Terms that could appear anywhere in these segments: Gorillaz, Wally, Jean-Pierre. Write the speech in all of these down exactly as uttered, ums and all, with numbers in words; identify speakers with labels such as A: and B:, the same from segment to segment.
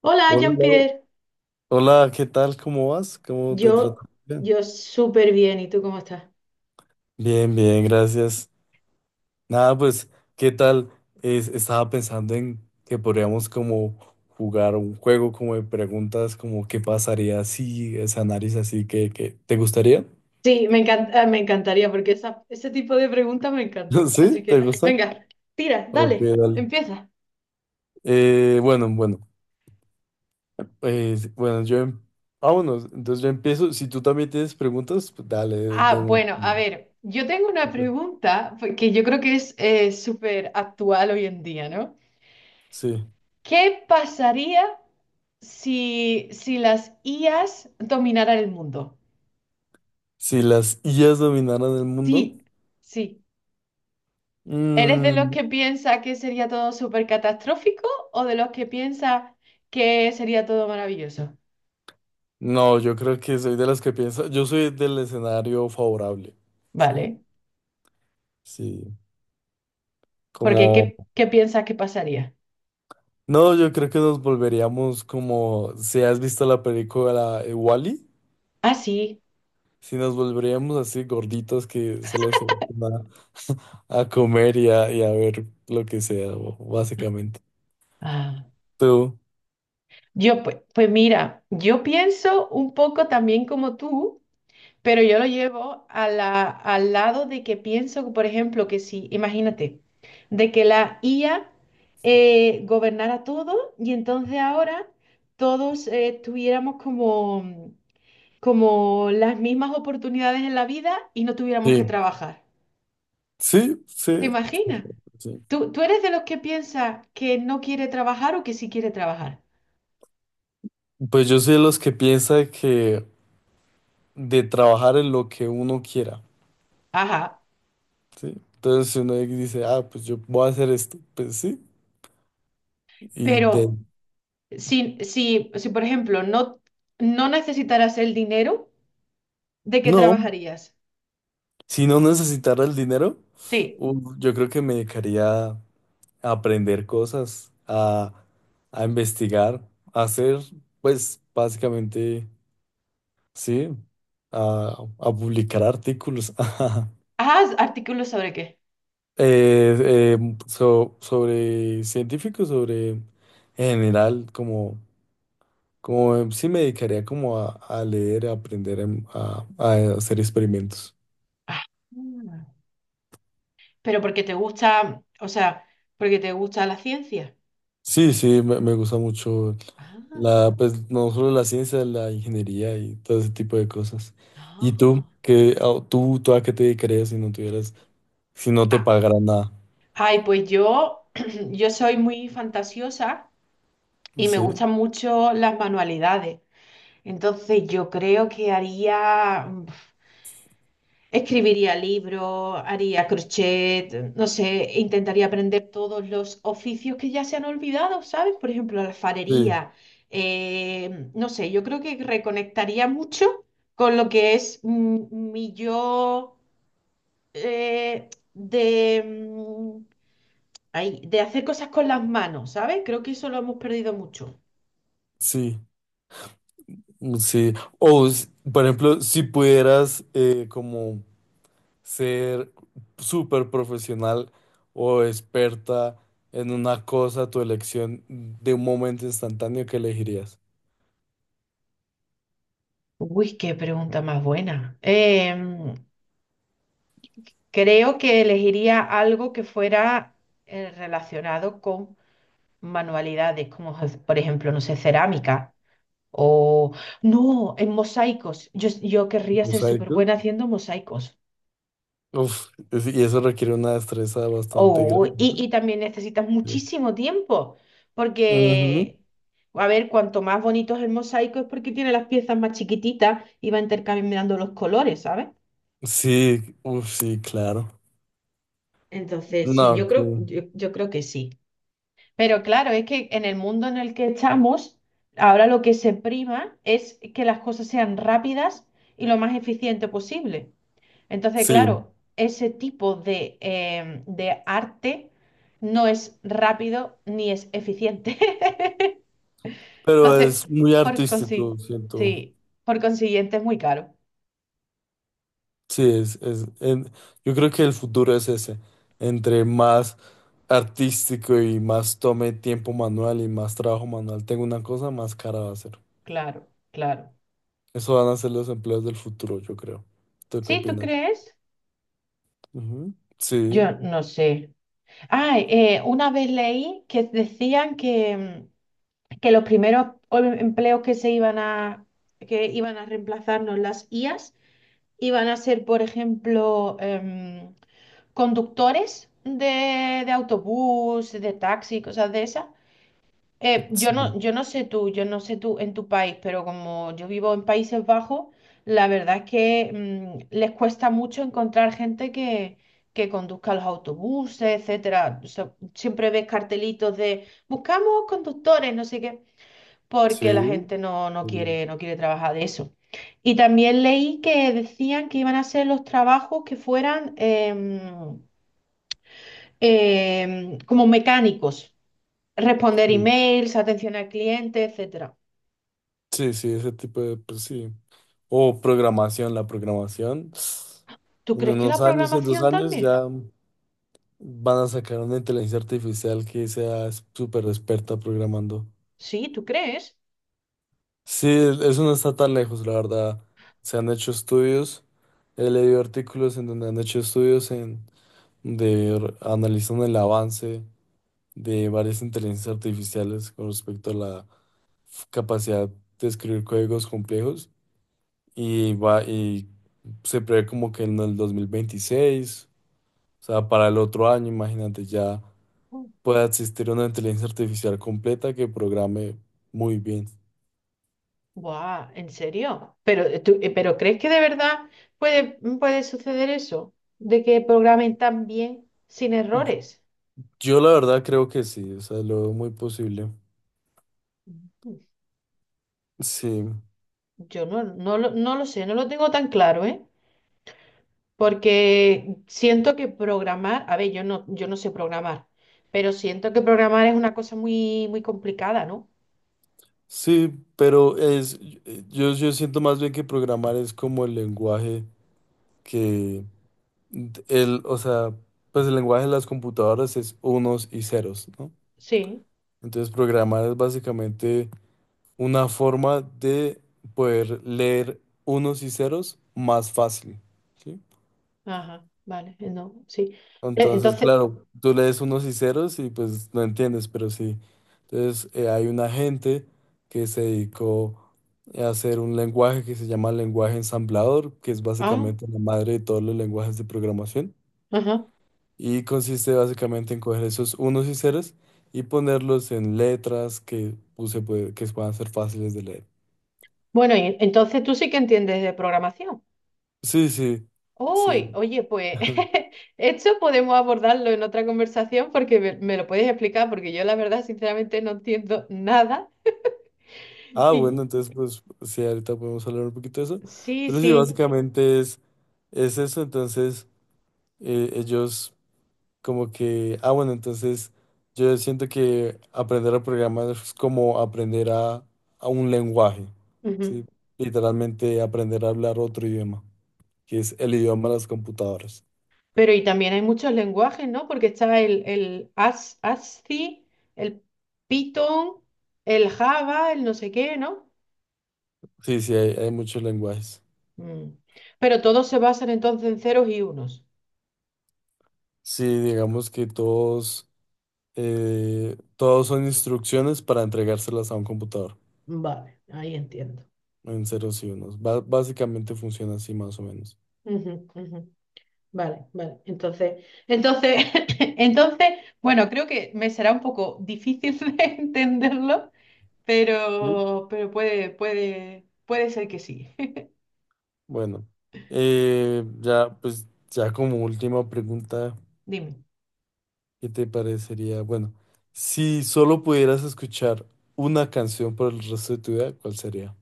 A: Hola,
B: Hola, Lau.
A: Jean-Pierre.
B: Hola, ¿qué tal? ¿Cómo vas? ¿Cómo te trata
A: Yo,
B: el día?
A: yo súper bien. ¿Y tú cómo estás?
B: Bien, bien, gracias. Nada, pues, ¿qué tal? Es- estaba pensando en que podríamos como jugar un juego como de preguntas, como qué pasaría si esa nariz así que, que- ¿te gustaría?
A: Sí, me encanta, me encantaría porque esa- ese tipo de preguntas me encanta.
B: ¿Sí?
A: Así
B: ¿Te
A: que,
B: gusta?
A: venga, tira,
B: Ok,
A: dale,
B: dale.
A: empieza.
B: Eh, bueno, bueno, eh, bueno, yo, em- ah, bueno, entonces yo empiezo. Si tú también tienes preguntas, pues dale, de, de
A: Ah,
B: una.
A: bueno, a ver, yo tengo una pregunta pues, que yo creo que es eh, súper actual hoy en día, ¿no?
B: Sí.
A: ¿Qué pasaría si, si las I As dominaran el mundo?
B: Si las I As dominaran el mundo.
A: Sí, sí. ¿Eres de los
B: Mm,
A: que piensa que sería todo súper catastrófico o de los que piensa que sería todo maravilloso?
B: no, yo creo que soy de los que piensa, yo soy del escenario favorable, sí,
A: Vale,
B: sí,
A: porque
B: como,
A: ¿qué, qué piensas que pasaría?
B: no, yo creo que nos volveríamos como, si has visto la película Wally,
A: Ah, sí.
B: si nos volveríamos así gorditos que solo se van a, a comer y a, y a ver lo que sea, bo- básicamente.
A: Ah,
B: Tú,
A: yo, pues, pues mira, yo pienso un poco también como tú, pero yo lo llevo a la- al lado de que pienso, por ejemplo, que si, imagínate, de que la I A eh, gobernara todo y entonces ahora todos eh, tuviéramos como como las mismas oportunidades en la vida y no tuviéramos que
B: sí,
A: trabajar.
B: sí,
A: ¿Te
B: sí,
A: imaginas?
B: sí.
A: ¿Tú, tú eres de los que piensa que no quiere trabajar o que sí quiere trabajar?
B: Pues yo soy de los que piensa que de trabajar en lo que uno quiera.
A: Ajá,
B: Sí. Entonces, si uno dice, ah, pues yo voy a hacer esto, pues sí, y de...
A: pero si, si, si por ejemplo, no, no necesitaras el dinero, ¿de qué
B: No,
A: trabajarías?
B: si no necesitara el dinero,
A: Sí.
B: uh, yo creo que me dedicaría a aprender cosas, a, a investigar, a hacer, pues básicamente, sí, a, a publicar artículos ajá,
A: Ah, artículos sobre qué.
B: eh, eh, so- sobre científicos, sobre en general, como. Como eh, sí me dedicaría como a, a leer, a aprender, em, a, a hacer experimentos.
A: Ah, pero porque te gusta, o sea, porque te gusta la ciencia.
B: Sí, sí, me, me gusta mucho la,
A: Ah,
B: pues no solo la ciencia, la ingeniería y todo ese tipo de cosas. ¿Y tú?
A: ah.
B: ¿Qué, a- tú, ¿tú a qué te dedicarías si no tuvieras, si no te
A: Ah,
B: pagaran nada?
A: ay, pues yo, yo soy muy fantasiosa y me
B: Sí,
A: gustan mucho las manualidades. Entonces yo creo que haría, mm, escribiría libros, haría crochet, no sé, intentaría aprender todos los oficios que ya se han olvidado, ¿sabes? Por ejemplo, la
B: sí,
A: alfarería. Eh, no sé, yo creo que reconectaría mucho con lo que es mm, mi yo eh, de, mm, ay, de hacer cosas con las manos, ¿sabes? Creo que eso lo hemos perdido mucho.
B: sí, mm, sí. O, s- por ejemplo, si pudieras eh, como ser súper profesional o experta en una cosa, tu elección de un momento instantáneo que elegirías.
A: Uy, qué pregunta más buena. Em, Creo que elegiría algo que fuera eh, relacionado con manualidades, como je- por ejemplo, no sé, cerámica o no, en mosaicos. Yo, yo querría ser súper
B: Mosaico.
A: buena haciendo mosaicos.
B: Uf, es- y eso requiere una destreza bastante
A: Oh, y,
B: grande.
A: y también necesitas
B: ¿No?
A: muchísimo tiempo,
B: Ujú.
A: porque, a ver, cuanto más bonito es el mosaico es porque tiene las piezas más chiquititas y va intercambiando los colores, ¿sabes?
B: Sí, uf, sí, claro.
A: Entonces, sí, yo
B: No, sí,
A: creo, yo, yo creo que sí. Pero claro, es que en el mundo en el que estamos, ahora lo que se prima es que las cosas sean rápidas y lo más eficiente posible. Entonces,
B: sí,
A: claro, ese tipo de, em, de arte no es rápido ni es eficiente.
B: pero
A: Entonces,
B: es muy
A: por
B: artístico,
A: consi-
B: siento.
A: sí, por consiguiente es muy caro.
B: Sí, es, es, en- yo creo que el futuro es ese, entre más artístico y más tome tiempo manual y más trabajo manual tengo una cosa, más cara va a ser.
A: Claro, claro.
B: Eso van a ser los empleos del futuro, yo creo. ¿Tú qué
A: ¿Sí, tú
B: opinas?
A: crees?
B: Ujú. Sí,
A: Yo no sé. Ah, eh, una vez leí que decían que, mm, que los primeros ol- empleos que se iban a, que iban a reemplazarnos las I As iban a ser, por ejemplo, em, conductores de, de autobús, de taxi, cosas de esas. Eh, yo
B: sí,
A: no, yo no sé tú, yo no sé tú en tu país, pero como yo vivo en Países Bajos, la verdad es que mm, les cuesta mucho encontrar gente que, que conduzca los autobuses, etcétera. O sea, siempre ves cartelitos de buscamos conductores, no sé qué
B: sí,
A: porque la gente no, no
B: sí,
A: quiere, no quiere trabajar de eso. Y también leí que decían que iban a ser los trabajos que fueran em, em, como mecánicos, responder emails, atención al cliente, etcétera.
B: sí, sí, ese tipo de, pues sí. O programación, la programación.
A: ¿Tú
B: En
A: crees que
B: unos
A: la
B: años, en dos
A: programación
B: años
A: también?
B: ya van a sacar una inteligencia artificial que sea súper experta programando.
A: Sí, ¿tú crees?
B: Sí, eso no está tan lejos, la verdad. Se han hecho estudios, he leído artículos en donde han hecho estudios en de r- analizan el avance de varias inteligencias artificiales con respecto a la f- capacidad de escribir códigos complejos y va y se prevé como que en el dos mil veintiséis, o sea, para el otro año, imagínate, ya
A: Mm.
B: pueda existir una inteligencia artificial completa que programe muy bien.
A: Buah, ¿en serio? Pero, eh, tú- eh, ¿pero crees que de verdad puede, puede suceder eso? De que programen tan bien sin errores.
B: Yo la verdad creo que sí, o sea, lo veo muy posible.
A: Mm.
B: Sí,
A: Yo no, no, lo- no lo sé, no lo tengo tan claro, ¿eh? Porque siento que programar, a ver, yo no, yo no sé programar, pero siento que programar es una cosa muy, muy complicada, ¿no?
B: sí, pero es, yo, yo siento más bien que programar es como el lenguaje que, el, o sea, pues el lenguaje de las computadoras es unos y ceros, ¿no?
A: Sí,
B: Entonces programar es básicamente una forma de poder leer unos y ceros más fácil, ¿sí?
A: ajá, vale, eh, no, sí. Eh,
B: Entonces,
A: entonces,
B: claro, tú lees unos y ceros y pues no entiendes, pero sí. Entonces, eh, hay una gente que se dedicó a hacer un lenguaje que se llama lenguaje ensamblador, que es
A: ah,
B: básicamente la madre de todos los lenguajes de programación.
A: ajá.
B: Y consiste básicamente en coger esos unos y ceros y ponerlos en letras que, pues, se puede- que puedan ser fáciles de leer.
A: Bueno, y entonces tú sí que entiendes de programación.
B: Sí, sí,
A: Uy,
B: sí.
A: oye, pues esto podemos abordarlo en otra conversación porque me, me lo puedes explicar, porque yo la verdad, sinceramente, no entiendo nada.
B: Ah, bueno,
A: Y
B: entonces pues sí, ahorita podemos hablar un poquito de eso.
A: sí,
B: Pero sí,
A: sí.
B: básicamente es, es eso, entonces eh, ellos como que, ah, bueno, entonces yo siento que aprender a programar es como aprender a, a un lenguaje,
A: Ujú.
B: ¿sí? Literalmente aprender a hablar otro idioma, que es el idioma de las computadoras.
A: Pero y también hay muchos lenguajes, ¿no? Porque está el, el As- ASCII, el Python, el Java, el no sé qué, ¿no?
B: Sí, sí, hay, hay muchos lenguajes.
A: Mm. Pero todos se basan entonces en ceros y unos.
B: Sí, digamos que todos, eh, todos son instrucciones para entregárselas a un computador.
A: Vale, ahí entiendo.
B: En ceros y unos. Ba- básicamente funciona así más o menos.
A: Ujú, ujú. Vale, vale. Entonces, Entonces, entonces, bueno, creo que me será un poco difícil de entenderlo,
B: ¿Sí?
A: pero, pero puede, puede, puede ser que sí.
B: Bueno, eh, ya pues ya como última pregunta,
A: Dime.
B: ¿qué te parecería? Bueno, si solo pudieras escuchar una canción por el resto de tu vida, ¿cuál sería?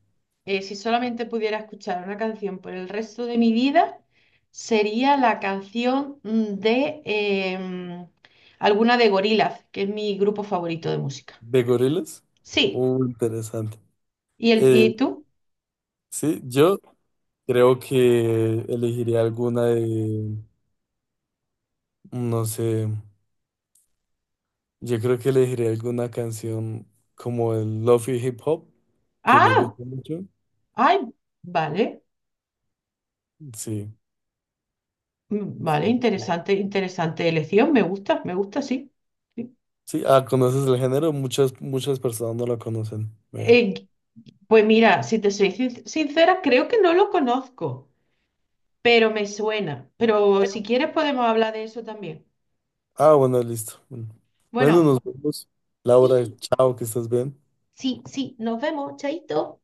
A: eh, Si solamente pudiera escuchar una canción por el resto de mi vida, sería la canción mm, de em, alguna de Gorillaz, que es mi grupo favorito de música.
B: ¿De Gorillaz?
A: Sí.
B: Uh, interesante.
A: ¿Y, el,
B: Eh,
A: y tú?
B: sí, yo creo que elegiría alguna de, no sé, yo creo que elegiría alguna canción como el Lofi Hip Hop, que me
A: Ah,
B: gusta mucho.
A: ay, vale.
B: Sí.
A: Mm, vale,
B: Sí,
A: interesante, interesante elección. Me gusta, me gusta, sí. Sí.
B: sí, ah, conoces el género, muchas, muchas personas no lo conocen. Veo.
A: Eh, pues mira, si te soy sin- sincera, creo que no lo conozco, pero me suena. Pero si quieres podemos hablar de eso también.
B: Ah, bueno, listo. Bueno, Bueno, nos
A: Bueno,
B: vemos. Laura,
A: sí,
B: chao, que estés bien.
A: sí, sí, nos vemos, chaito.